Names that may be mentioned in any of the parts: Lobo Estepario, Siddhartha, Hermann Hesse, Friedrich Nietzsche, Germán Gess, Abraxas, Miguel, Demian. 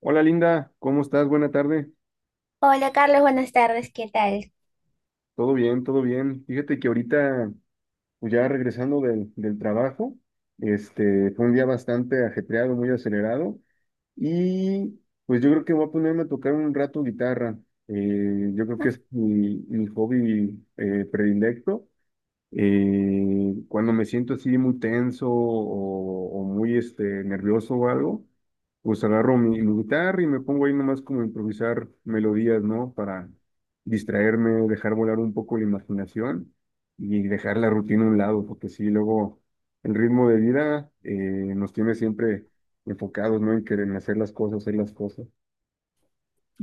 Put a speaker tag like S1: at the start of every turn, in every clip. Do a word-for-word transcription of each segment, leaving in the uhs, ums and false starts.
S1: Hola Linda, ¿cómo estás? Buena tarde.
S2: Hola Carlos, buenas tardes, ¿qué tal?
S1: Todo bien, todo bien. Fíjate que ahorita, pues ya regresando del, del trabajo, este, fue un día bastante ajetreado, muy acelerado, y pues yo creo que voy a ponerme a tocar un rato guitarra. Eh, yo creo que es mi, mi hobby eh, predilecto. Eh, cuando me siento así muy tenso o, o muy este, nervioso o algo, pues agarro mi, mi guitarra y me pongo ahí nomás como a improvisar melodías, ¿no? Para distraerme, dejar volar un poco la imaginación y dejar la rutina a un lado, porque sí, luego el ritmo de vida eh, nos tiene siempre enfocados, ¿no? En querer hacer las cosas, hacer las cosas.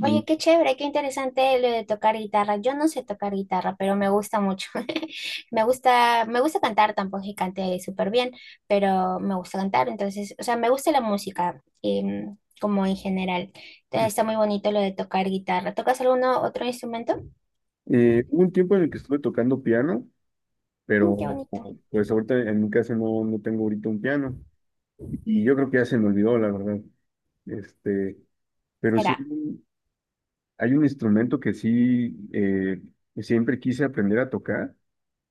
S2: Oye, qué chévere, qué interesante lo de tocar guitarra. Yo no sé tocar guitarra, pero me gusta mucho. Me gusta, me gusta cantar, tampoco es que cante súper bien, pero me gusta cantar, entonces, o sea, me gusta la música, em, como en general. Entonces, está muy bonito lo de tocar guitarra. ¿Tocas alguno otro instrumento?
S1: eh, Hubo un tiempo en el que estuve tocando piano,
S2: Mm, qué
S1: pero
S2: bonito.
S1: pues ahorita en mi casa no, no tengo ahorita un piano y yo creo que ya se me olvidó, la verdad. Este, pero sí
S2: Será.
S1: hay un hay un instrumento que sí eh, que siempre quise aprender a tocar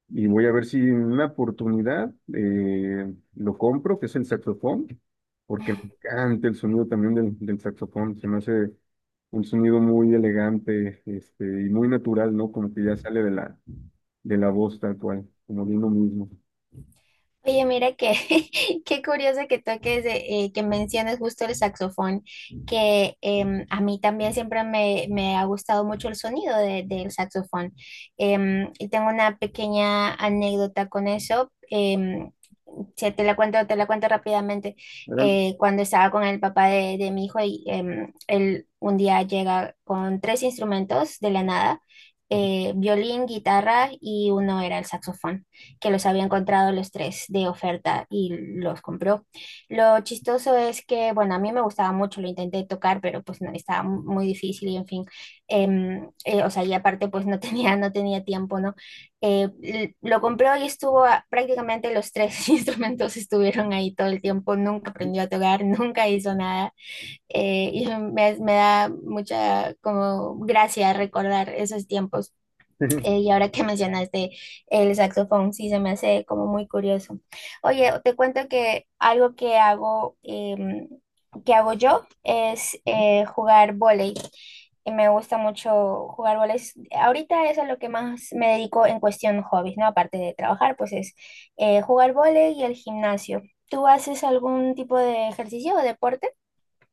S1: y voy a ver si en una oportunidad eh, lo compro, que es el saxofón, porque me encanta el sonido también del, del saxofón, se me hace un sonido muy elegante este, y muy natural, ¿no? Como que ya sale de la, de la voz tal cual, como de uno mismo.
S2: Oye, mira que qué curioso que toques, eh, que menciones justo el saxofón, que em, a mí también siempre me, me ha gustado mucho el sonido de- del saxofón. Em, y tengo una pequeña anécdota con eso. em, se- te la cuento, te la cuento rápidamente.
S1: ¿Verdad?
S2: Eh, cuando estaba con el papá de, de mi hijo, y, em, él un día llega con tres instrumentos de la nada, eh, violín, guitarra y uno era el saxofón que los había encontrado los tres de oferta y los compró. Lo chistoso es que, bueno, a mí me gustaba mucho, lo intenté tocar, pero pues no, estaba mu- muy difícil y en fin, em, eh, o sea, y aparte pues no tenía, no tenía tiempo, ¿no? Eh, l- lo compró y estuvo a- prácticamente los tres instrumentos estuvieron ahí todo el tiempo, nunca aprendió a tocar, nunca hizo nada. Eh, y me, me da mucha como gracia recordar esos tiempos. Eh, y ahora que mencionaste el saxofón, sí, se me hace como muy curioso. Oye, te cuento que algo que hago, em, que hago yo es eh, jugar vóley. Y me gusta mucho jugar vóley. Es- Ahorita es a lo que más me dedico en cuestión hobbies, ¿no? Aparte de trabajar, pues es eh, jugar vóley y el gimnasio. ¿Tú haces algún tipo de ejercicio o deporte?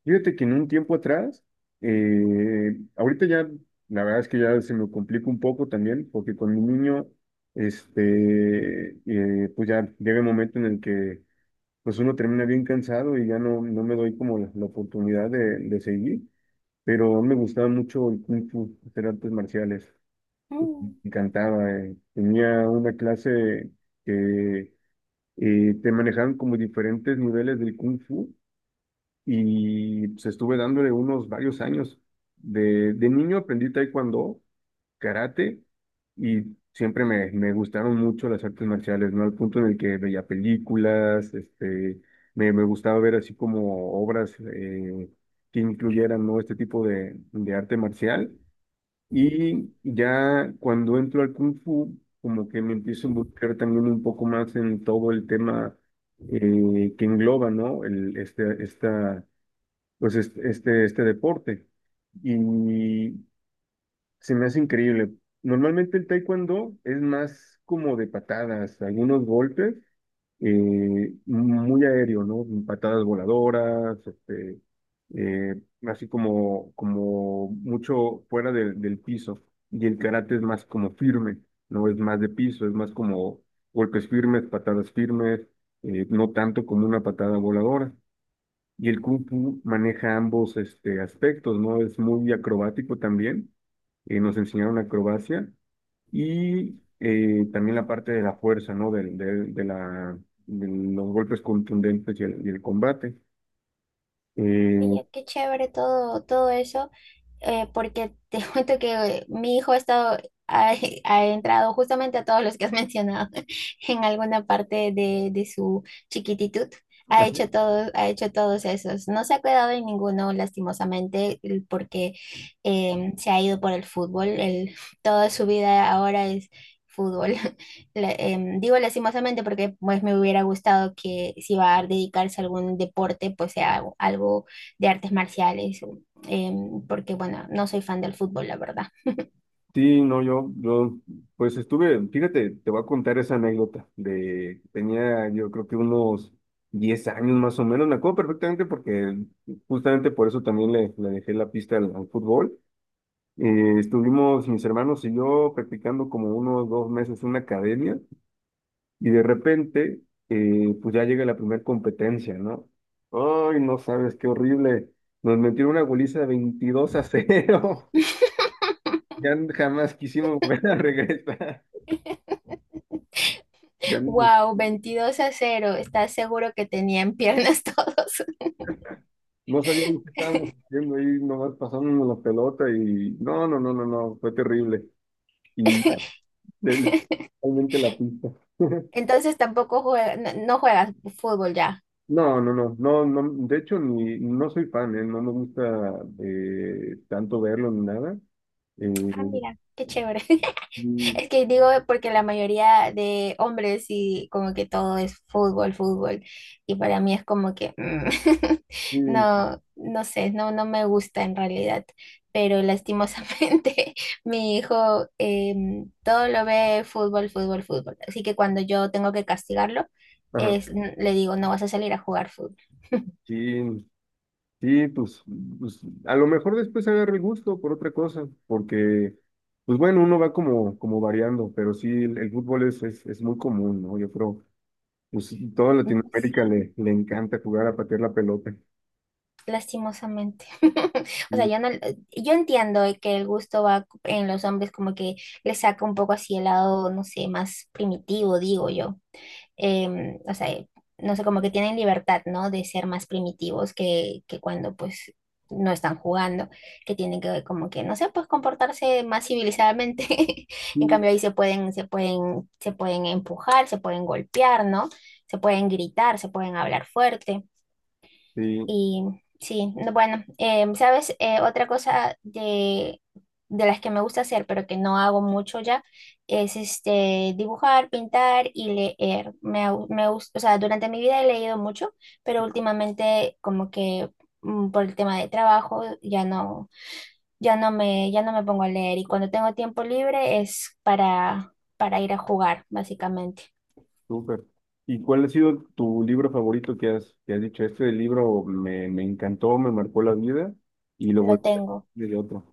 S1: Fíjate que en un tiempo atrás, eh, ahorita ya, la verdad es que ya se me complica un poco también, porque con mi niño, este, eh, pues ya llega el momento en el que pues uno termina bien cansado y ya no, no me doy como la, la oportunidad de, de seguir, pero me gustaba mucho el Kung Fu, hacer artes marciales, me
S2: Mm.
S1: encantaba, eh. Tenía una clase que eh, te manejaban como diferentes niveles del Kung Fu y pues estuve dándole unos varios años. De, de niño aprendí taekwondo, karate y siempre me, me gustaron mucho las artes marciales, ¿no? Al punto en el que veía películas, este, me, me gustaba ver así como obras eh, que incluyeran, ¿no? Este tipo de, de arte marcial. Y ya cuando entro al kung fu, como que me empiezo a involucrar también un poco más en todo el tema eh, que engloba, ¿no? El, este, esta pues este, este, este deporte. Y se me hace increíble. Normalmente el taekwondo es más como de patadas, algunos golpes, eh, muy aéreo, ¿no? Patadas voladoras, este, eh, así como, como mucho fuera del, del piso. Y el karate es más como firme, ¿no? Es más de piso, es más como golpes firmes, patadas firmes, eh, no tanto como una patada voladora. Y el Kung Fu maneja ambos este, aspectos, ¿no? Es muy acrobático también, eh, nos enseñaron acrobacia y eh, también la parte de la fuerza, ¿no? Del- del- de, la, de los golpes contundentes y el, y el combate. Eh,
S2: Oye, qué chévere todo, todo eso. Eh, porque te cuento que mi hijo ha estado, ha, ha entrado justamente a todos los que has mencionado en alguna parte de, de su chiquititud. Ha hecho todos, ha hecho todos esos. No se ha quedado en ninguno, lastimosamente, el- porque eh, se ha ido por el fútbol. El, toda su vida ahora es fútbol. La- em, digo lastimosamente porque pues me hubiera gustado que si va a dedicarse a algún deporte, pues sea algo algo de artes marciales, em, porque bueno, no soy fan del fútbol, la verdad.
S1: sí, no, yo, yo, pues estuve, fíjate, te voy a contar esa anécdota de, tenía yo creo que unos diez años más o menos, me acuerdo perfectamente porque justamente por eso también le, le dejé la pista al al fútbol. Eh, estuvimos mis hermanos y yo practicando como unos dos meses en una academia y de repente, eh, pues ya llega la primera competencia, ¿no? Ay, no sabes, qué horrible. Nos metieron una goliza de veintidós a cero. Ya jamás quisimos volver a regresar. Ya no,
S2: Wow, veintidós a cero. ¿Estás seguro que tenían piernas todos?
S1: no sabíamos qué estábamos haciendo ahí, nomás pasándonos la pelota y no, no, no, no, no, fue terrible. Y ya, le- le- realmente la pista.
S2: Entonces tampoco juega- no, no juegas fútbol ya.
S1: No, no, no, no, no, de hecho ni, no soy fan, ¿eh? No me gusta eh, tanto verlo ni nada. Eh,
S2: Ah, mira, qué chévere.
S1: sí,
S2: Es que digo porque la mayoría de hombres y como que todo es fútbol, fútbol. Y para mí es como que mm,
S1: sí,
S2: no, no sé, no, no me gusta en realidad. Pero lastimosamente mi hijo, em, todo lo ve fútbol, fútbol, fútbol. Así que cuando yo tengo que castigarlo,
S1: ajá,
S2: es, n- le digo, no vas a salir a jugar fútbol.
S1: sí, sí, pues, pues, a lo mejor después agarro el gusto por otra cosa, porque, pues bueno, uno va como, como variando, pero sí, el, el fútbol es, es, es muy común, ¿no? Yo creo, pues toda Latinoamérica
S2: Sí,
S1: le, le encanta jugar a patear la pelota.
S2: lastimosamente. O sea,
S1: Sí,
S2: yo no, yo entiendo que el gusto va en los hombres como que le saca un poco así el lado, no sé, más primitivo, digo yo. Em, o sea, no sé, como que tienen libertad, ¿no? De ser más primitivos que, que cuando pues no están jugando, que tienen que como que, no sé, pues comportarse más civilizadamente. En
S1: sí,
S2: cambio ahí se pueden, se pueden, se pueden empujar, se pueden golpear, ¿no? Se pueden gritar, se pueden hablar fuerte.
S1: sí.
S2: Y sí, no, bueno, em, ¿sabes? Eh, otra cosa de, de las que me gusta hacer, pero que no hago mucho ya, es este, dibujar, pintar y leer. Me, au- me, gus- O sea, durante mi vida he leído mucho, pero últimamente como que mm, por el tema de trabajo ya no, ya no me, ya no me pongo a leer. Y cuando tengo tiempo libre es para, para ir a jugar, básicamente.
S1: Súper. ¿Y cuál ha sido tu libro favorito que has, que has dicho? Este libro me, me encantó, me marcó la vida y lo
S2: Lo
S1: volví a
S2: tengo.
S1: leer de otro.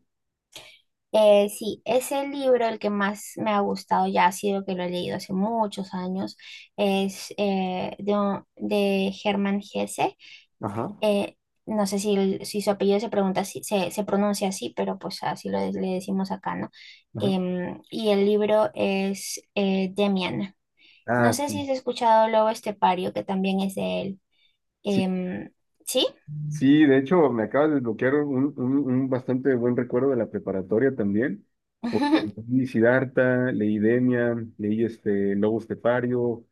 S2: Eh, sí, es el libro el que más me ha gustado, ya ha sido que lo he leído hace muchos años, es eh, de, un- de Hermann Hesse.
S1: Ajá,
S2: Eh, no sé si, el- si su apellido se pregunta así- se, se pronuncia así, pero pues así lo, le decimos acá, ¿no?
S1: ajá.
S2: Em, y el libro es eh, Demian. No
S1: Ah,
S2: sé si
S1: sí.
S2: has escuchado Lobo Estepario, que también es de él.
S1: Sí,
S2: Em, ¿Sí?
S1: sí, de hecho me acabas de desbloquear un, un, un bastante buen recuerdo de la preparatoria también. Porque leí Siddhartha, leí Demian, leí este Lobo Estepario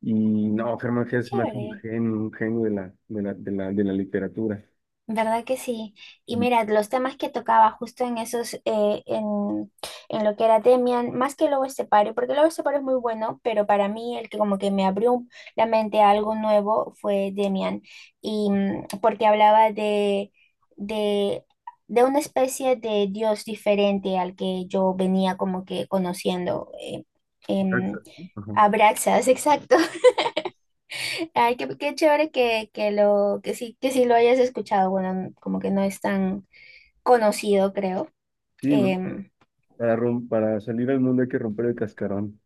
S1: y no, Germán
S2: Qué
S1: Gess es más un
S2: chévere.
S1: genio, un genio de la, de la, de la, de la literatura.
S2: ¿Verdad que sí? Y mira, los temas que tocaba justo en esos, eh, en, en lo que era Demian, más que Lobo Estepario, porque Lobo Estepario es muy bueno, pero para mí el que como que me abrió la mente a algo nuevo fue Demian, y mm, porque hablaba de, de, de una especie de Dios diferente al que yo venía como que conociendo. eh, em,
S1: Exacto. Ajá.
S2: Abraxas, exacto. Ay, qué, qué chévere que, que lo, que sí, que sí lo hayas escuchado. Bueno, n- como que no es tan conocido, creo.
S1: Sí, ¿no?
S2: Em,
S1: Para, rom- para salir al mundo hay que romper el cascarón.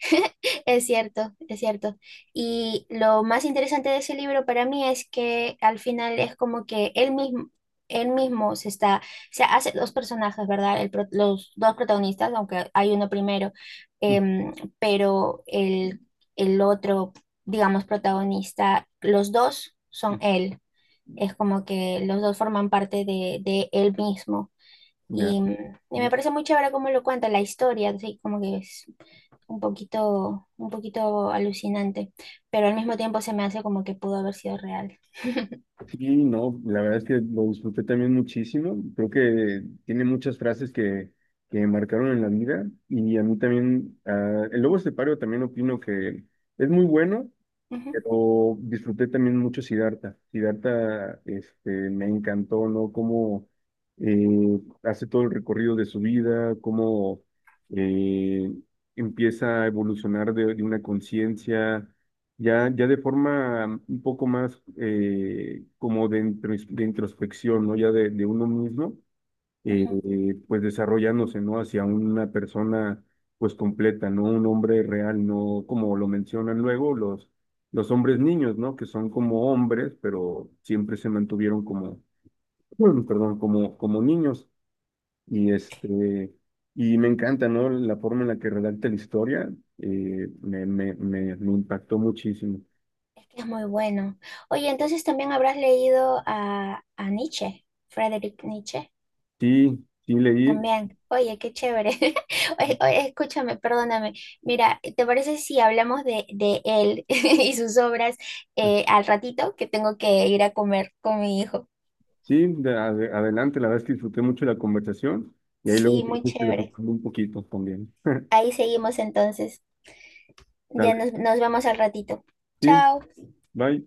S2: es cierto, es cierto. Y lo más interesante de ese libro para mí es que al final es como que él mismo, él mismo se está, se hace dos personajes, ¿verdad? El pro- los dos protagonistas, aunque hay uno primero, em, pero el, el otro, digamos, protagonista, los dos son él. Es como que los dos forman parte de, de él mismo.
S1: Ya,
S2: Y, y me
S1: ¿no?
S2: parece muy chévere cómo lo cuenta la historia, así como que es un poquito, un poquito alucinante, pero al mismo tiempo se me hace como que pudo haber sido real.
S1: Sí, no, la verdad es que lo disfruté también muchísimo. Creo que tiene muchas frases que, que me marcaron en la vida. Y a mí también, ah, el Lobo Estepario también opino que es muy bueno.
S2: Ujú,
S1: Pero disfruté también mucho Siddhartha. Siddhartha, este, me encantó, ¿no? Cómo eh, hace todo el recorrido de su vida, cómo eh, empieza a evolucionar de, de una conciencia, ya, ya de forma un poco más eh, como de, intros- de introspección, ¿no? Ya de, de uno mismo eh,
S2: ujú.
S1: eh, pues desarrollándose, ¿no? Hacia una persona pues completa, ¿no? Un hombre real, no como lo mencionan luego los, los hombres niños, ¿no? Que son como hombres, pero siempre se mantuvieron como, bueno, perdón, como, como niños. Y este, y me encanta, ¿no? La forma en la que redacta la historia, eh, me, me, me, me impactó muchísimo.
S2: Es que es muy bueno. Oye, entonces también habrás leído a, a Nietzsche, Friedrich Nietzsche,
S1: Sí, sí leí.
S2: también. Oye, qué chévere. Oye, oye, escúchame, perdóname. Mira, ¿te parece si hablamos de, de él y sus obras eh, al ratito, que tengo que ir a comer con mi hijo?
S1: Sí, de- ade- adelante, la verdad es que disfruté mucho la conversación y ahí luego
S2: Sí,
S1: si
S2: muy
S1: gustas, le
S2: chévere.
S1: un poquito también.
S2: Ahí seguimos entonces. Ya
S1: Dale,
S2: nos, nos vemos al ratito.
S1: sí,
S2: Chao.
S1: bye.